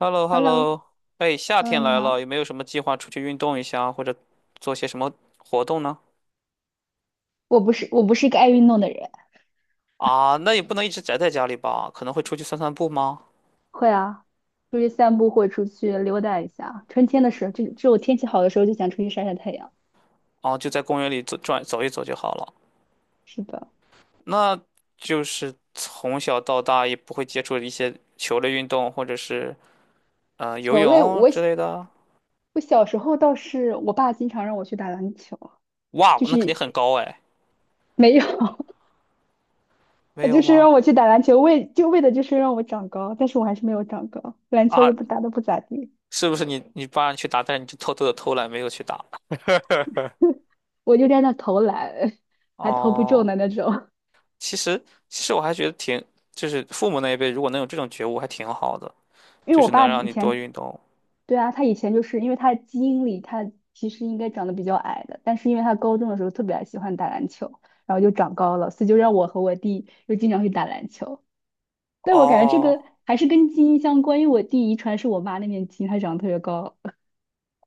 h e l l o h h e e l l l l o o 哎，夏天嗯，你来了，好。有没有什么计划出去运动一下，或者做些什么活动呢？我不是一个爱运动的人。啊，那也不能一直宅在家里吧，可能会出去散散步吗？会啊，出去散步或者出去溜达一下。春天的时候，就只有天气好的时候就想出去晒晒太阳。啊，就在公园里走转走一走就好了。是的。那就是从小到大也不会接触一些球类运动，或者是游球类泳我之小类的。我小时候倒是我爸经常让我去打篮球。哇，就那肯定是很高哎，没有。没他有就是吗？让我去打篮球，为的就是让我长高，但是我还是没有长高，篮球也啊，不打得不咋地。是不是你爸让你去打，但是你就偷偷的偷懒没有去打？我就在那投篮，还投不中哦。的那种。其实，其实我还觉得挺，就是父母那一辈如果能有这种觉悟，还挺好的，因就为我是能爸让以你多前运动。对啊，他以前就是因为他基因里他其实应该长得比较矮的，但是因为他高中的时候特别喜欢打篮球，然后就长高了，所以就让我和我弟又经常去打篮球。但我感觉这个哦还是跟基因相关，因为我弟遗传是我妈那边基因，他长得特别高。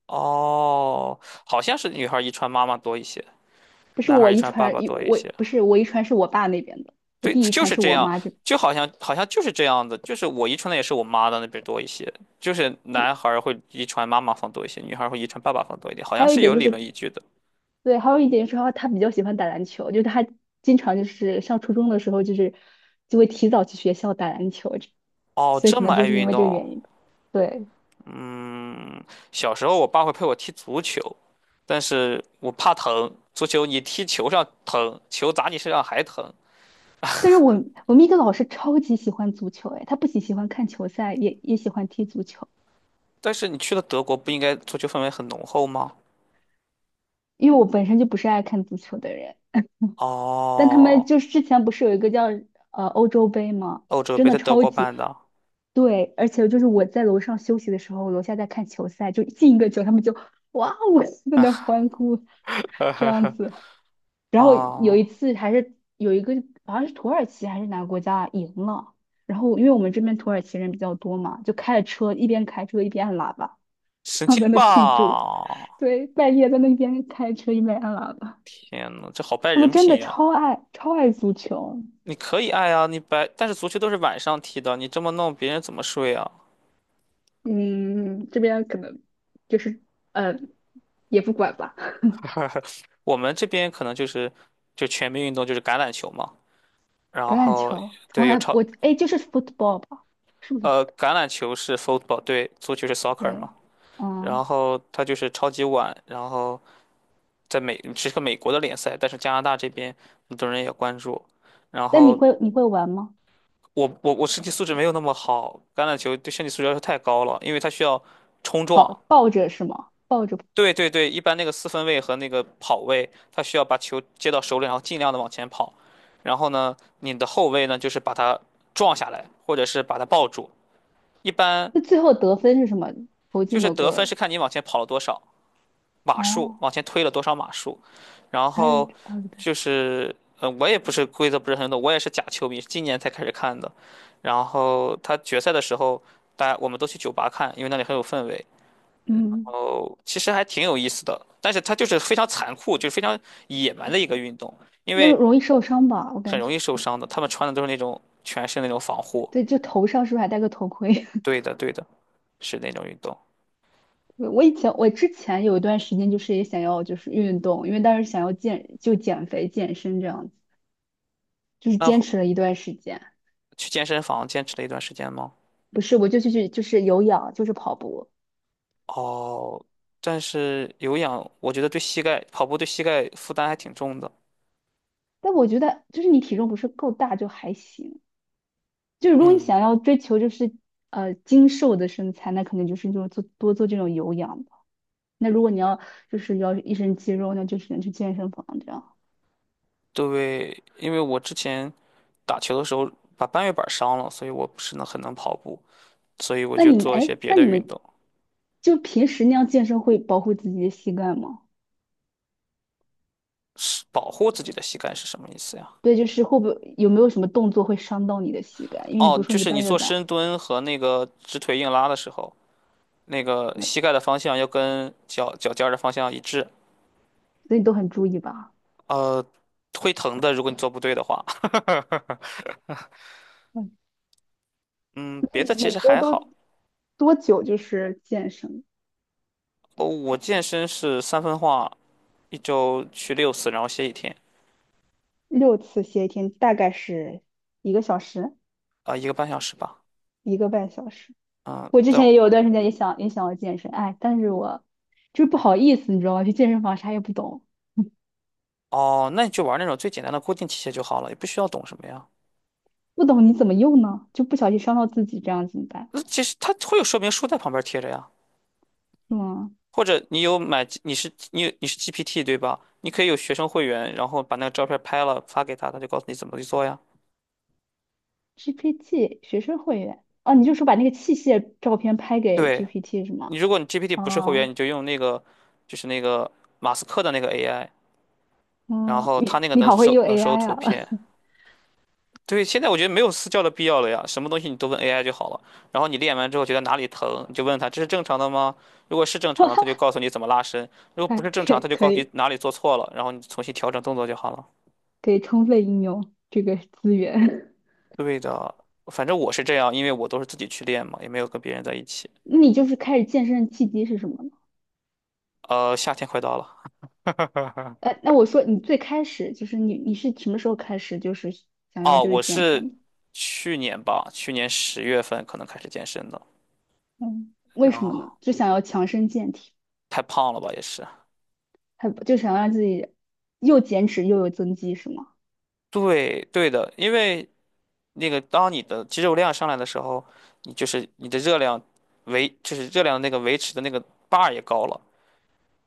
哦，好像是女孩儿遗传妈妈多一些，不是男孩儿我遗遗传爸传，爸多一我些。不是我遗传是我爸那边的，我对，弟遗就传是是这我样，妈这。就好像就是这样的，就是我遗传的也是我妈的那边多一些，就是男孩儿会遗传妈妈方多一些，女孩儿会遗传爸爸方多一点，好还像有一是点有就理论是依据的。对，还有一点是他比较喜欢打篮球，就是他经常就是上初中的时候，就是就会提早去学校打篮球，这哦，所以这可么能就爱是因运为这个动，原因吧。对，嗯，小时候我爸会陪我踢足球，但是我怕疼。足球你踢球上疼，球砸你身上还疼。但是我们一个老师超级喜欢足球。哎，他不仅喜欢看球赛，也喜欢踢足球，但是你去了德国，不应该足球氛围很浓厚吗？因为我本身就不是爱看足球的人。但他们哦，就是之前不是有一个叫欧洲杯吗？欧洲真杯的在德超国级办的对，而且就是我在楼上休息的时候，楼下在看球赛，就进一个球，他们就哇哦在那啊，欢呼 这样呵子。然后有一哦，次还是有一个好像是土耳其还是哪个国家赢了，然后因为我们这边土耳其人比较多嘛，就开着车一边开车一边按喇叭，神然后在经那庆祝。吧！对，半夜在那边开车一边按喇叭，天呐，这好败他们人真的品呀！超爱超爱足球。你可以爱啊，你白，但是足球都是晚上踢的，你这么弄，别人怎么睡啊？嗯，这边可能就是呃，也不管吧。我们这边可能就是就全民运动就是橄榄球嘛，橄然榄后球从对有来超我哎，就是 football 吧？是不是不对？橄榄球是 football，对，足球是 soccer 对。嘛。然嗯，后他就是超级碗，然后在美是个美国的联赛，但是加拿大这边很多人也关注。然但你后会你会玩吗？我身体素质没有那么好，橄榄球对身体素质要求太高了，因为它需要冲撞。跑抱着是吗？抱着，对对对，一般那个四分卫和那个跑位，他需要把球接到手里，然后尽量的往前跑。然后呢，你的后卫呢，就是把它撞下来，或者是把它抱住。一般那最后得分是什么？投就进是某得分是个看你往前跑了多少。码数，哦，往前推了多少码数，然还有后还对。就是我也不是规则不是很懂，我也是假球迷，是今年才开始看的。然后他决赛的时候，大家我们都去酒吧看，因为那里很有氛围。嗯，哦，其实还挺有意思的，但是他就是非常残酷，就是非常野蛮的一个运动，因那为容易受伤吧？我很感容觉，易受伤的。他们穿的都是那种全身那种防护。对，就头上是不是还戴个头盔？对的，对的，是那种运动。我之前有一段时间就是也想要就是运动，因为当时想要减肥健身这样就是那坚会持了一段时间。去健身房坚持了一段时间吗？不是，我就去就是有氧，就是跑步。哦，但是有氧，我觉得对膝盖，跑步对膝盖负担还挺重的。但我觉得就是你体重不是够大就还行，就是如果你嗯，想要追求就是精瘦的身材，那肯定就是这种做这种有氧吧。那如果你要就是要一身肌肉，那就只能去健身房这样。对，因为我之前打球的时候把半月板伤了，所以我不是能很能跑步，所以我那就你们做一哎，些别那的你运们动，就平时那样健身会保护自己的膝盖吗？是保护自己的膝盖是什么意思呀？对，就是会不会有没有什么动作会伤到你的膝盖？因为你不哦，是说就你是你半月做深板，蹲和那个直腿硬拉的时候，那个对，膝盖的方向要跟脚脚尖儿的方向一致。所以你都很注意吧？呃，会疼的，如果你做不对的话。嗯，嗯，那别你的其每实周还好，都多久就是健身？哦，我健身是三分化，一周去6次，然后歇一天，六次歇一天，大概是一个小时，啊、1个半小时吧。一个半小时。嗯，我之但前也有段时间也想要健身。哎，但是我就是不好意思，你知道吗？去健身房啥也不懂，哦，那你就玩那种最简单的固定器械就好了，也不需要懂什么呀。不懂你怎么用呢？就不小心伤到自己，这样怎么办？那其实它会有说明书在旁边贴着呀，是吗或者你有买，你是 GPT 对吧？你可以有学生会员，然后把那个照片拍了发给他，他就告诉你怎么去做呀。？GPT 学生会员哦，你就说把那个器械照片拍给 对，GPT 是你吗？如果你 GPT 不是会员，哦，你就用那个就是那个马斯克的那个 AI，然嗯，后他你那个你能好会收用 能收 AI 图啊。片，对，现在我觉得没有私教的必要了呀，什么东西你都问 AI 就好了。然后你练完之后觉得哪里疼，你就问他这是正常的吗？如果是正常的，他就 告诉你怎么拉伸；如果不哎，是正常，他就可告诉你以哪里做错了，然后你重新调整动作就好了。可以充分应用这个资源。对的，反正我是这样，因为我都是自己去练嘛，也没有跟别人在一起。那你就是开始健身的契机是什么呢？夏天快到了，呃，那我说你最开始就是你是什么时候开始就是想要哦，就是我健是身？去年吧，去年10月份可能开始健身的，嗯，为然什么呢？后就想要强身健体，太胖了吧也是。还就想让自己又减脂又有增肌是吗？对对的，因为那个当你的肌肉量上来的时候，你就是你的热量维，就是热量的那个维持的那个 bar 也高了。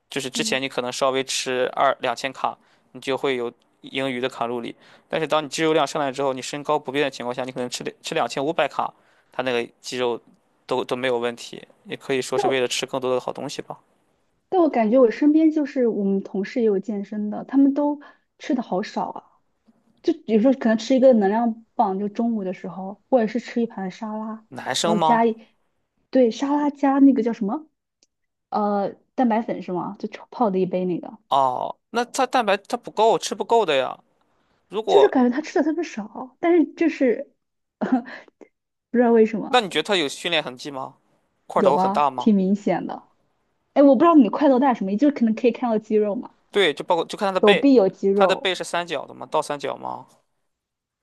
就是之前嗯，你可能稍微吃二两千卡，你就会有盈余的卡路里，但是当你肌肉量上来之后，你身高不变的情况下，你可能吃2500卡，它那个肌肉都没有问题，也可以说但是为我了吃更多的好东西吧。但我感觉我身边就是我们同事也有健身的，他们都吃的好少啊。就有时候可能吃一个能量棒，就中午的时候，或者是吃一盘沙拉，男生然后吗？加一，对，沙拉加那个叫什么，呃，蛋白粉是吗？就炒泡的一杯那个，哦，那他蛋白它不够，吃不够的呀。如就是果，感觉他吃的特别少，但是就是 不知道为什那你么觉得他有训练痕迹吗？块有头很大啊，吗？挺明显的。哎，我不知道你的快乐大什么就是可能可以看到肌肉嘛，对，就包括就看他的手背，臂有肌他的肉，背是三角的吗？倒三角吗？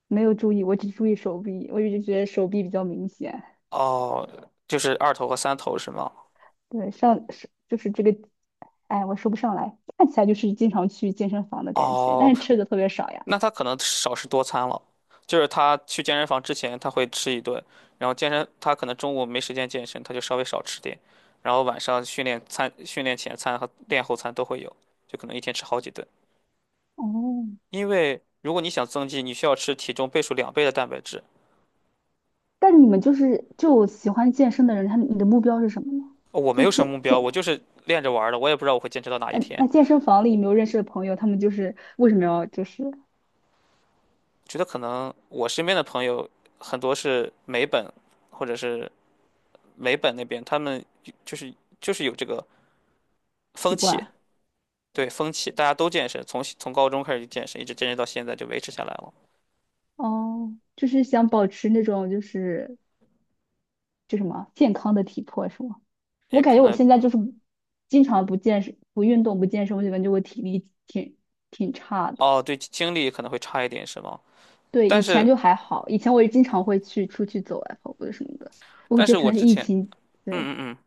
没有注意，我只注意手臂，我一直觉得手臂比较明显。哦，就是二头和三头是吗？对，上是就是这个，哎，我说不上来，看起来就是经常去健身房的感觉，但哦，是吃的特别少呀。那他可能少食多餐了，就是他去健身房之前他会吃一顿，然后健身他可能中午没时间健身，他就稍微少吃点，然后晚上训练餐、训练前餐和练后餐都会有，就可能一天吃好几顿。哦，因为如果你想增肌，你需要吃体重倍数2倍的蛋白质。但是你们就是就喜欢健身的人，他你的目标是什么呢？哦我没就有什健么目标，健，我就是练着玩儿的，我也不知道我会坚持到哪一嗯，天。那健身房里有没有认识的朋友，他们就是为什么要就是觉得可能我身边的朋友很多是美本或者是美本那边，他们就是就是有这个风习气，惯？对风气，大家都健身，从高中开始就健身，一直健身到现在就维持下来了。哦，就是想保持那种就是就什么健康的体魄是吗？我也感可觉我能现在就是经常不健身、不运动、不健身，我就感觉我体力挺挺差的。哦，对，精力可能会差一点，是吗？对，但以前是就还好，以前我也经常会去出去走啊，跑步什么的。我但觉是得可我能是之疫前，情，嗯对，嗯嗯。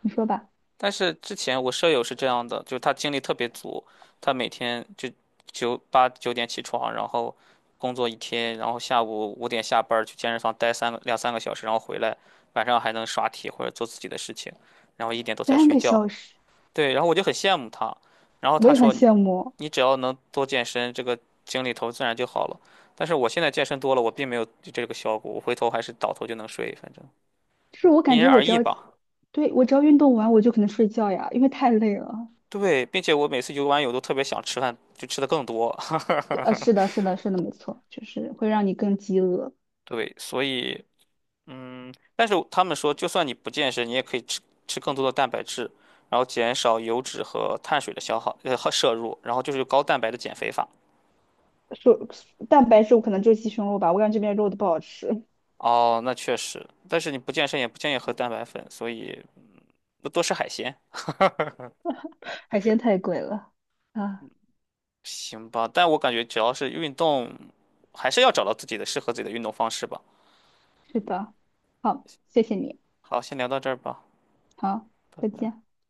你说吧，但是之前我舍友是这样的，就是他精力特别足，他每天就八九点起床，然后工作一天，然后下午5点下班儿去健身房待2、3个小时，然后回来晚上还能刷题或者做自己的事情，然后1点多才三睡个觉。小时，对，然后我就很羡慕他，然后我他也很说你羡慕。你只要能多健身，这个精力头自然就好了。但是我现在健身多了，我并没有这个效果，我回头还是倒头就能睡，反正就是我因感人觉我而只异要，吧。对，我只要运动完，我就可能睡觉呀，因为太累了。对，并且我每次游完泳都特别想吃饭，就吃的更多。对，呃，是的，是的，是的，没错，就是会让你更饥饿。对，所以嗯，但是他们说，就算你不健身，你也可以吃更多的蛋白质，然后减少油脂和碳水的消耗和摄入，然后就是高蛋白的减肥法。说蛋白质，我可能就鸡胸肉吧，我感觉这边肉都不好吃。哦，那确实，但是你不健身也不建议喝蛋白粉，所以多多吃海鲜。海鲜太贵了啊。行吧，但我感觉只要是运动，还是要找到自己的适合自己的运动方式吧。是的，好，谢谢你，好，先聊到这儿吧，好，拜再拜。见。